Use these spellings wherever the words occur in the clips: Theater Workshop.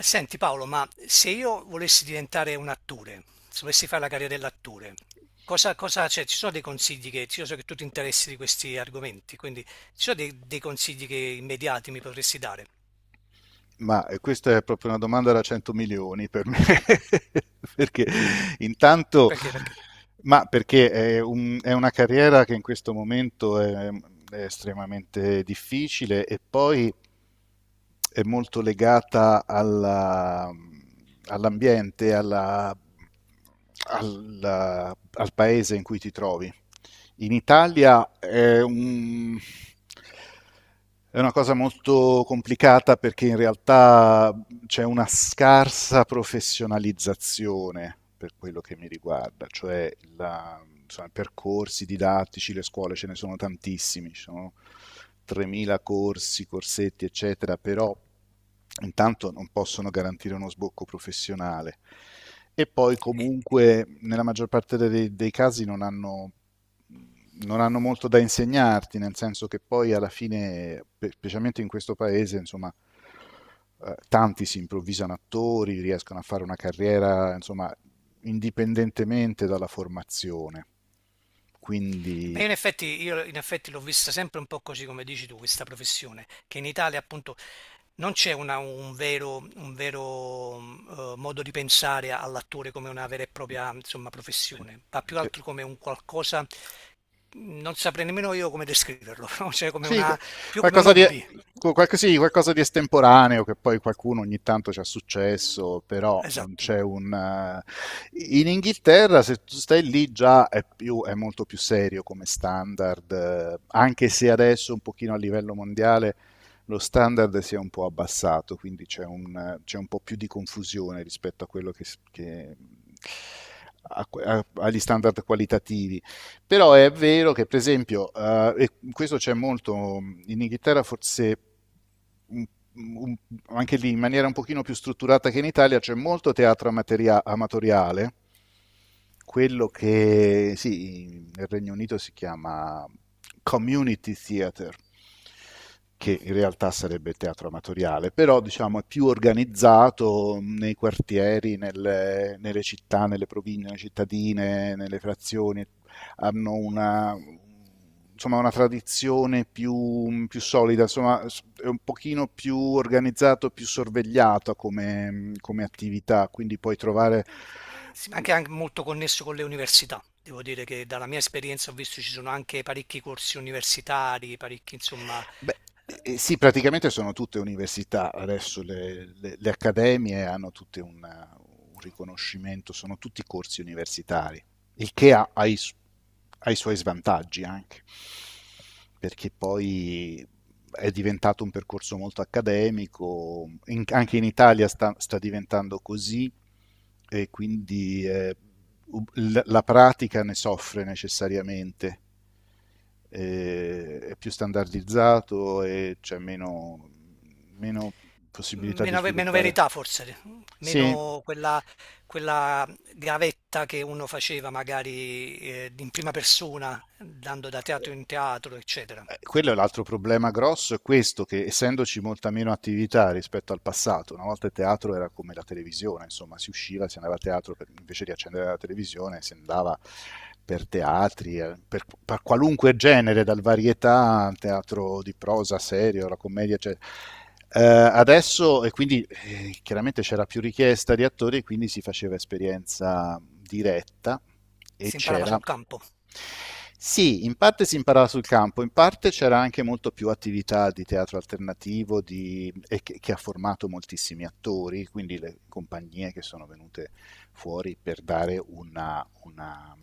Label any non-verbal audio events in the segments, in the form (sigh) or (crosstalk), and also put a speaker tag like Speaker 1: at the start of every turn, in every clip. Speaker 1: Senti Paolo, ma se io volessi diventare un attore, se volessi fare la carriera dell'attore, cosa, cioè, ci sono dei consigli che, io so che tu ti interessi di questi argomenti, quindi ci sono dei consigli che immediati mi potresti dare?
Speaker 2: Questa è proprio una domanda da 100 milioni per me, (laughs) perché intanto,
Speaker 1: Perché? Perché?
Speaker 2: perché è, è una carriera che in questo momento è estremamente difficile e poi è molto legata all'ambiente, al paese in cui ti trovi. In Italia è è una cosa molto complicata, perché in realtà c'è una scarsa professionalizzazione per quello che mi riguarda, cioè insomma, i percorsi didattici, le scuole ce ne sono tantissimi, ci sono 3.000 corsi, corsetti, eccetera, però intanto non possono garantire uno sbocco professionale. E poi
Speaker 1: Eh,
Speaker 2: comunque nella maggior parte dei casi non hanno non hanno molto da insegnarti, nel senso che poi alla fine, specialmente in questo paese, insomma, tanti si improvvisano attori, riescono a fare una carriera, insomma, indipendentemente dalla formazione. Quindi
Speaker 1: Beh, in effetti, io in effetti l'ho vista sempre un po' così come dici tu, questa professione, che in Italia appunto non c'è un vero, un vero, modo di pensare all'attore come una vera e propria, insomma,
Speaker 2: sì.
Speaker 1: professione, ma più
Speaker 2: eh,
Speaker 1: altro come un qualcosa non saprei nemmeno io come descriverlo, (laughs) no? Cioè come
Speaker 2: Sì, qu-
Speaker 1: una, più come un
Speaker 2: Qualcosa di,
Speaker 1: hobby.
Speaker 2: sì, qualcosa di estemporaneo che poi qualcuno ogni tanto ci ha successo, però non
Speaker 1: Esatto.
Speaker 2: c'è un... In Inghilterra, se tu stai lì, già è, è molto più serio come standard, anche se adesso un pochino a livello mondiale lo standard si è un po' abbassato, quindi c'è un, c'è un po' più di confusione rispetto a quello che... agli standard qualitativi. Però è vero che, per esempio, e questo c'è molto, mm, in Inghilterra, forse un- un- anche lì in maniera un pochino più strutturata che in Italia, c'è molto teatro amatoriale, quello che, sì, nel Regno Unito si chiama community theatre,
Speaker 1: Mm.
Speaker 2: che in realtà sarebbe il teatro amatoriale, però diciamo è più organizzato nei quartieri, nelle città, nelle province, nelle cittadine, nelle frazioni, hanno una, insomma, una tradizione più solida, insomma, è un pochino più organizzato, più sorvegliato come, come attività, quindi puoi trovare.
Speaker 1: Sì, ma anche molto connesso con le università. Devo dire che dalla mia esperienza ho visto ci sono anche parecchi corsi universitari, parecchi, insomma,
Speaker 2: Beh, sì, praticamente sono tutte università, adesso le accademie hanno tutte un riconoscimento, sono tutti corsi universitari, il che ha i suoi svantaggi anche, perché poi è diventato un percorso molto accademico, anche in Italia sta diventando così, e quindi la pratica ne soffre necessariamente, è più standardizzato e c'è meno possibilità di
Speaker 1: meno, meno
Speaker 2: sviluppare.
Speaker 1: verità forse,
Speaker 2: Sì,
Speaker 1: meno quella, quella gavetta che uno faceva magari in prima persona, andando da teatro in teatro, eccetera.
Speaker 2: eh, quello è l'altro problema grosso, è questo, che, essendoci molta meno attività rispetto al passato, una volta il teatro era come la televisione, insomma, si usciva, si andava a teatro, invece di accendere la televisione si andava per teatri, per qualunque genere, dal varietà al teatro di prosa, serio, alla commedia, eccetera. Adesso, e quindi chiaramente c'era più richiesta di attori, quindi si faceva esperienza diretta e
Speaker 1: Si imparava
Speaker 2: c'era,
Speaker 1: sul campo.
Speaker 2: sì, in parte si imparava sul campo, in parte c'era anche molto più attività di teatro alternativo che ha formato moltissimi attori, quindi le compagnie che sono venute fuori per dare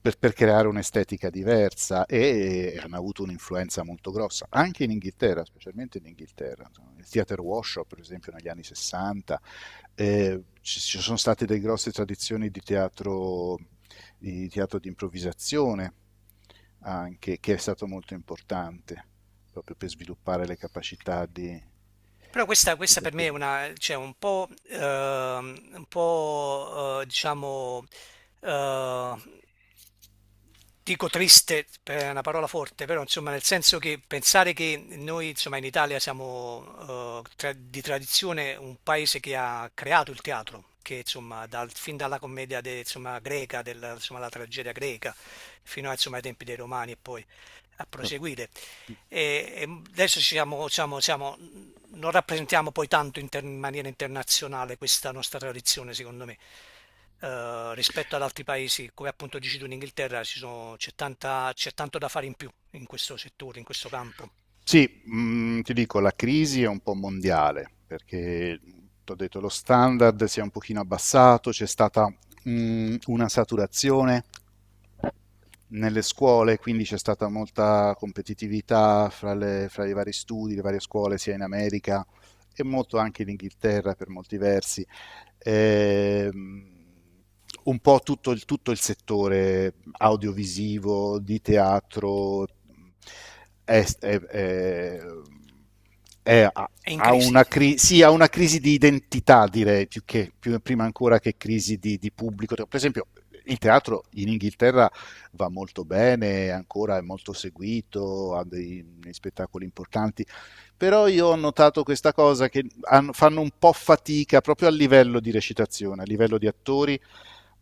Speaker 2: per creare un'estetica diversa e hanno avuto un'influenza molto grossa, anche in Inghilterra, specialmente in Inghilterra. Insomma, il theater workshop, per esempio, negli anni 60, ci sono state delle grosse tradizioni di teatro, di teatro di improvvisazione, anche, che è stato molto importante proprio per sviluppare le capacità di,
Speaker 1: Però questa
Speaker 2: degli
Speaker 1: per me è
Speaker 2: attori.
Speaker 1: una cioè un po', diciamo, ehm, dico triste, è una parola forte, però insomma nel senso che pensare che noi insomma in Italia siamo di tradizione un paese che ha creato il teatro, che insomma fin dalla commedia insomma, greca, della, insomma, la tragedia greca, fino a, insomma, ai tempi dei Romani e poi a proseguire. E, e adesso siamo, non rappresentiamo poi tanto in maniera internazionale questa nostra tradizione, secondo me. Rispetto ad altri paesi, come appunto dici tu in Inghilterra, c'è c'è tanto da fare in più in questo settore, in questo campo.
Speaker 2: Sì, ti dico, la crisi è un po' mondiale, perché ti ho detto lo standard si è un pochino abbassato, c'è stata una saturazione nelle scuole, quindi c'è stata molta competitività fra i vari studi, le varie scuole, sia in America e molto anche in Inghilterra per molti versi. Ehm, un po' tutto tutto il settore audiovisivo, di teatro, è, è- è- è- ha
Speaker 1: È in
Speaker 2: ha
Speaker 1: crisi.
Speaker 2: sì, ha una crisi di identità, direi, più che prima ancora che crisi di pubblico. Per esempio, il teatro in Inghilterra va molto bene, ancora è molto seguito, ha dei spettacoli importanti, però io ho notato questa cosa che fanno un po' fatica proprio a livello di recitazione, a livello di attori,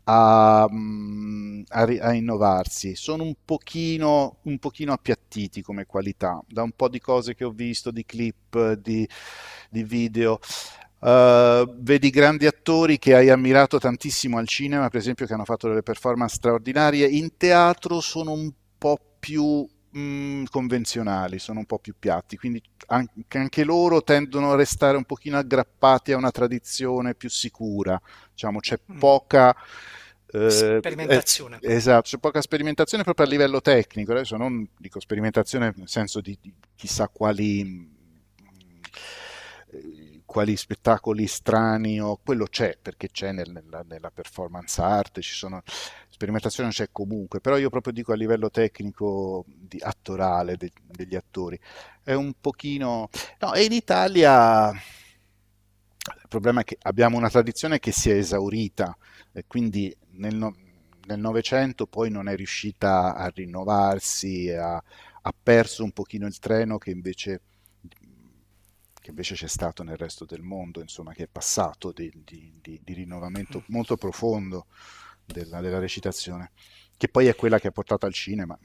Speaker 2: a, mm, a, ri- a innovarsi. Sono un pochino appiattiti come qualità, da un po' di cose che ho visto, di clip, di video. Vedi grandi attori che hai ammirato tantissimo al cinema, per esempio, che hanno fatto delle performance straordinarie. In teatro sono un po' più convenzionali, sono un po' più piatti, quindi anche, anche loro tendono a restare un pochino aggrappati a una tradizione più sicura, diciamo, c'è
Speaker 1: Mm.
Speaker 2: poca... Eh, eh,
Speaker 1: Sperimentazione.
Speaker 2: esatto, c'è poca sperimentazione proprio a livello tecnico, adesso non dico sperimentazione nel senso di chissà quali, quali spettacoli strani, o quello c'è perché c'è nella performance art, ci sono, sperimentazione c'è comunque, però io proprio dico a livello tecnico di, attorale de, degli attori, è un pochino. No, e in Italia il problema è che abbiamo una tradizione che si è esaurita, e quindi nel Novecento poi non è riuscita a rinnovarsi, ha, ha perso un pochino il treno che invece c'è stato nel resto del mondo, insomma, che è passato di rinnovamento
Speaker 1: Mm.
Speaker 2: molto profondo della, della recitazione, che poi è quella che ha portato al cinema.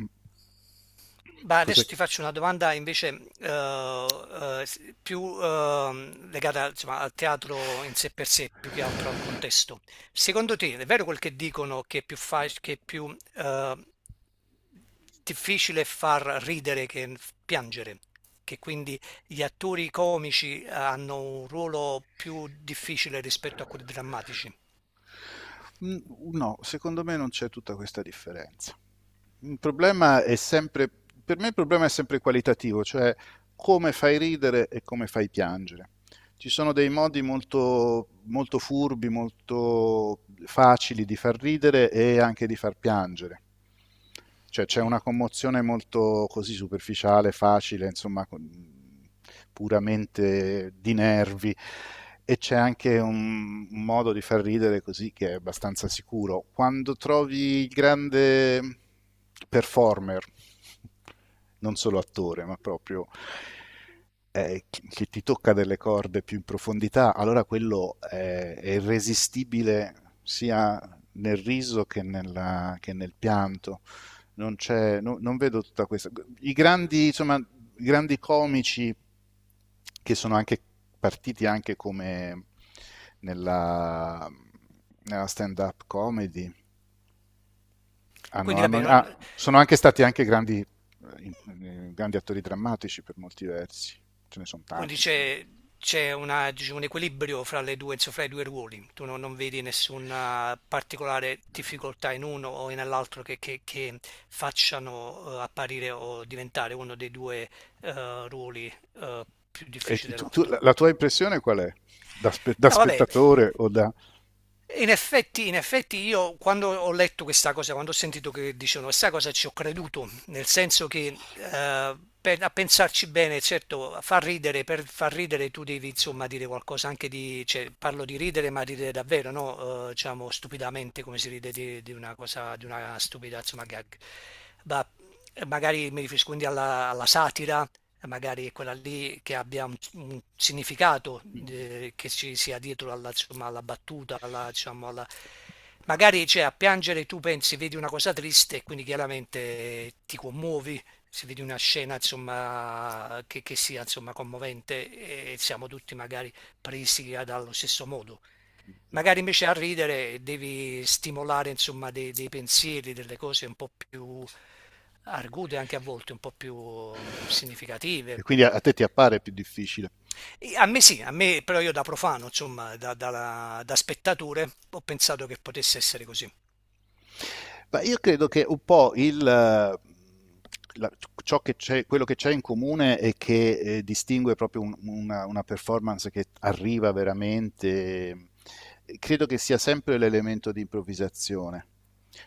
Speaker 1: Beh, adesso
Speaker 2: Cos'è?
Speaker 1: ti faccio una domanda invece più legata insomma, al teatro in sé per sé, più che altro al contesto. Secondo te è vero quel che dicono che è più, che è più difficile far ridere che piangere? Che quindi gli attori comici hanno un ruolo più difficile rispetto a quelli drammatici?
Speaker 2: Mhmm, no, secondo me non c'è tutta questa differenza. Il problema è sempre Per me il problema è sempre qualitativo, cioè come fai ridere e come fai piangere. Ci sono dei modi molto, molto furbi, molto facili di far ridere e anche di far piangere. Cioè c'è
Speaker 1: Mm.
Speaker 2: una commozione molto così superficiale, facile, insomma, con- puramente di nervi. E c'è anche un modo di far ridere così che è abbastanza sicuro. Quando trovi il grande performer, non solo attore, ma proprio che ti tocca delle corde più in profondità, allora quello è irresistibile sia nel riso che nel pianto. Non c'è, non vedo tutta questa. I grandi, insomma, i grandi comici che sono anche partiti anche come nella, nella stand-up comedy,
Speaker 1: Quindi va bene,
Speaker 2: sono anche stati anche grandi, in- grandi attori drammatici per molti versi. Ce ne sono
Speaker 1: quindi
Speaker 2: tanti, insomma.
Speaker 1: c'è diciamo, un equilibrio fra le due, insomma, fra i due ruoli. Tu non, non vedi nessuna particolare difficoltà in uno o nell'altro che, che facciano apparire o diventare uno dei due ruoli più
Speaker 2: E
Speaker 1: difficili dell'altro.
Speaker 2: la tua impressione qual è? Da, spe- da
Speaker 1: No, vabbè.
Speaker 2: spettatore o da...
Speaker 1: In effetti, io quando ho letto questa cosa, quando ho sentito che dicevano questa cosa, ci ho creduto, nel senso che a pensarci bene, certo, fa ridere, per far ridere tu devi insomma dire qualcosa anche di, cioè, parlo di ridere, ma ridere davvero, no? Diciamo stupidamente come si ride di una cosa, di una stupida, insomma, gag. Ma magari mi riferisco quindi alla, alla satira, magari è quella lì che abbia un significato che ci sia dietro alla, insomma, alla battuta, alla, diciamo, alla... magari cioè, a piangere tu pensi, vedi una cosa triste, e quindi chiaramente ti commuovi, se vedi una scena insomma, che sia insomma, commovente e siamo tutti magari presi dallo stesso modo. Magari invece a ridere devi stimolare insomma, dei pensieri, delle cose un po' più argute anche a volte, un po' più
Speaker 2: E
Speaker 1: significative,
Speaker 2: quindi a te ti appare più difficile.
Speaker 1: a me sì, a me però io da profano, insomma, da spettatore, ho pensato che potesse essere così.
Speaker 2: Ma io credo che un po' il, la- ciò che c'è, quello che c'è in comune è che distingue proprio una performance che arriva veramente. Eh, credo che sia sempre l'elemento di improvvisazione.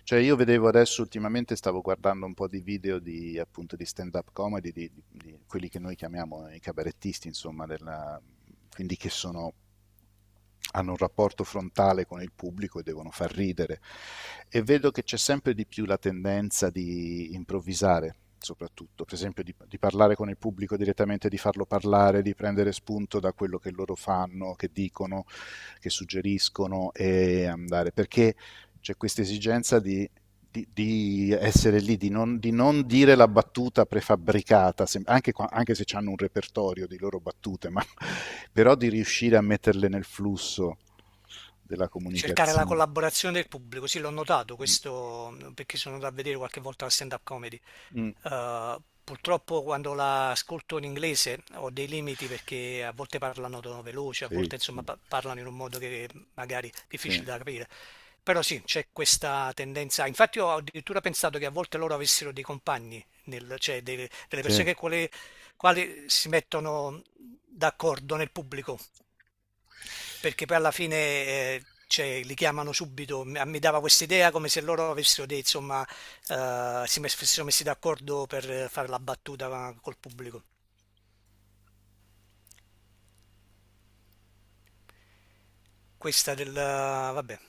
Speaker 2: Cioè, io vedevo adesso ultimamente, stavo guardando un po' di video di, appunto, di stand-up comedy di quelli che noi chiamiamo i cabarettisti, insomma, della, quindi che sono, hanno un rapporto frontale con il pubblico e devono far ridere. E vedo che c'è sempre di più la tendenza di improvvisare, soprattutto, per esempio parlare con il pubblico direttamente, di farlo parlare, di prendere spunto da quello che loro fanno, che dicono, che suggeriscono e andare. Perché c'è questa esigenza di essere lì, di non dire la battuta prefabbricata, anche, anche se hanno un repertorio di loro battute, ma, (laughs) però di riuscire a metterle nel flusso della
Speaker 1: Cercare la
Speaker 2: comunicazione.
Speaker 1: collaborazione del pubblico, sì, l'ho notato
Speaker 2: Mm,
Speaker 1: questo perché sono andato a vedere qualche volta la stand-up comedy.
Speaker 2: mm,
Speaker 1: Eh, purtroppo quando la ascolto in inglese ho dei limiti perché a volte parlano tono veloce, a
Speaker 2: sì,
Speaker 1: volte insomma parlano in un modo che magari è
Speaker 2: sì,
Speaker 1: difficile
Speaker 2: sì.
Speaker 1: da capire. Però sì, c'è questa tendenza. Infatti ho addirittura pensato che a volte loro avessero dei compagni, cioè delle
Speaker 2: Sì.
Speaker 1: persone che quali si mettono d'accordo nel pubblico perché poi alla fine, cioè li chiamano subito, mi dava quest'idea come se loro avessero dei insomma, si mes fossero messi d'accordo per fare la battuta col pubblico. Questa del vabbè.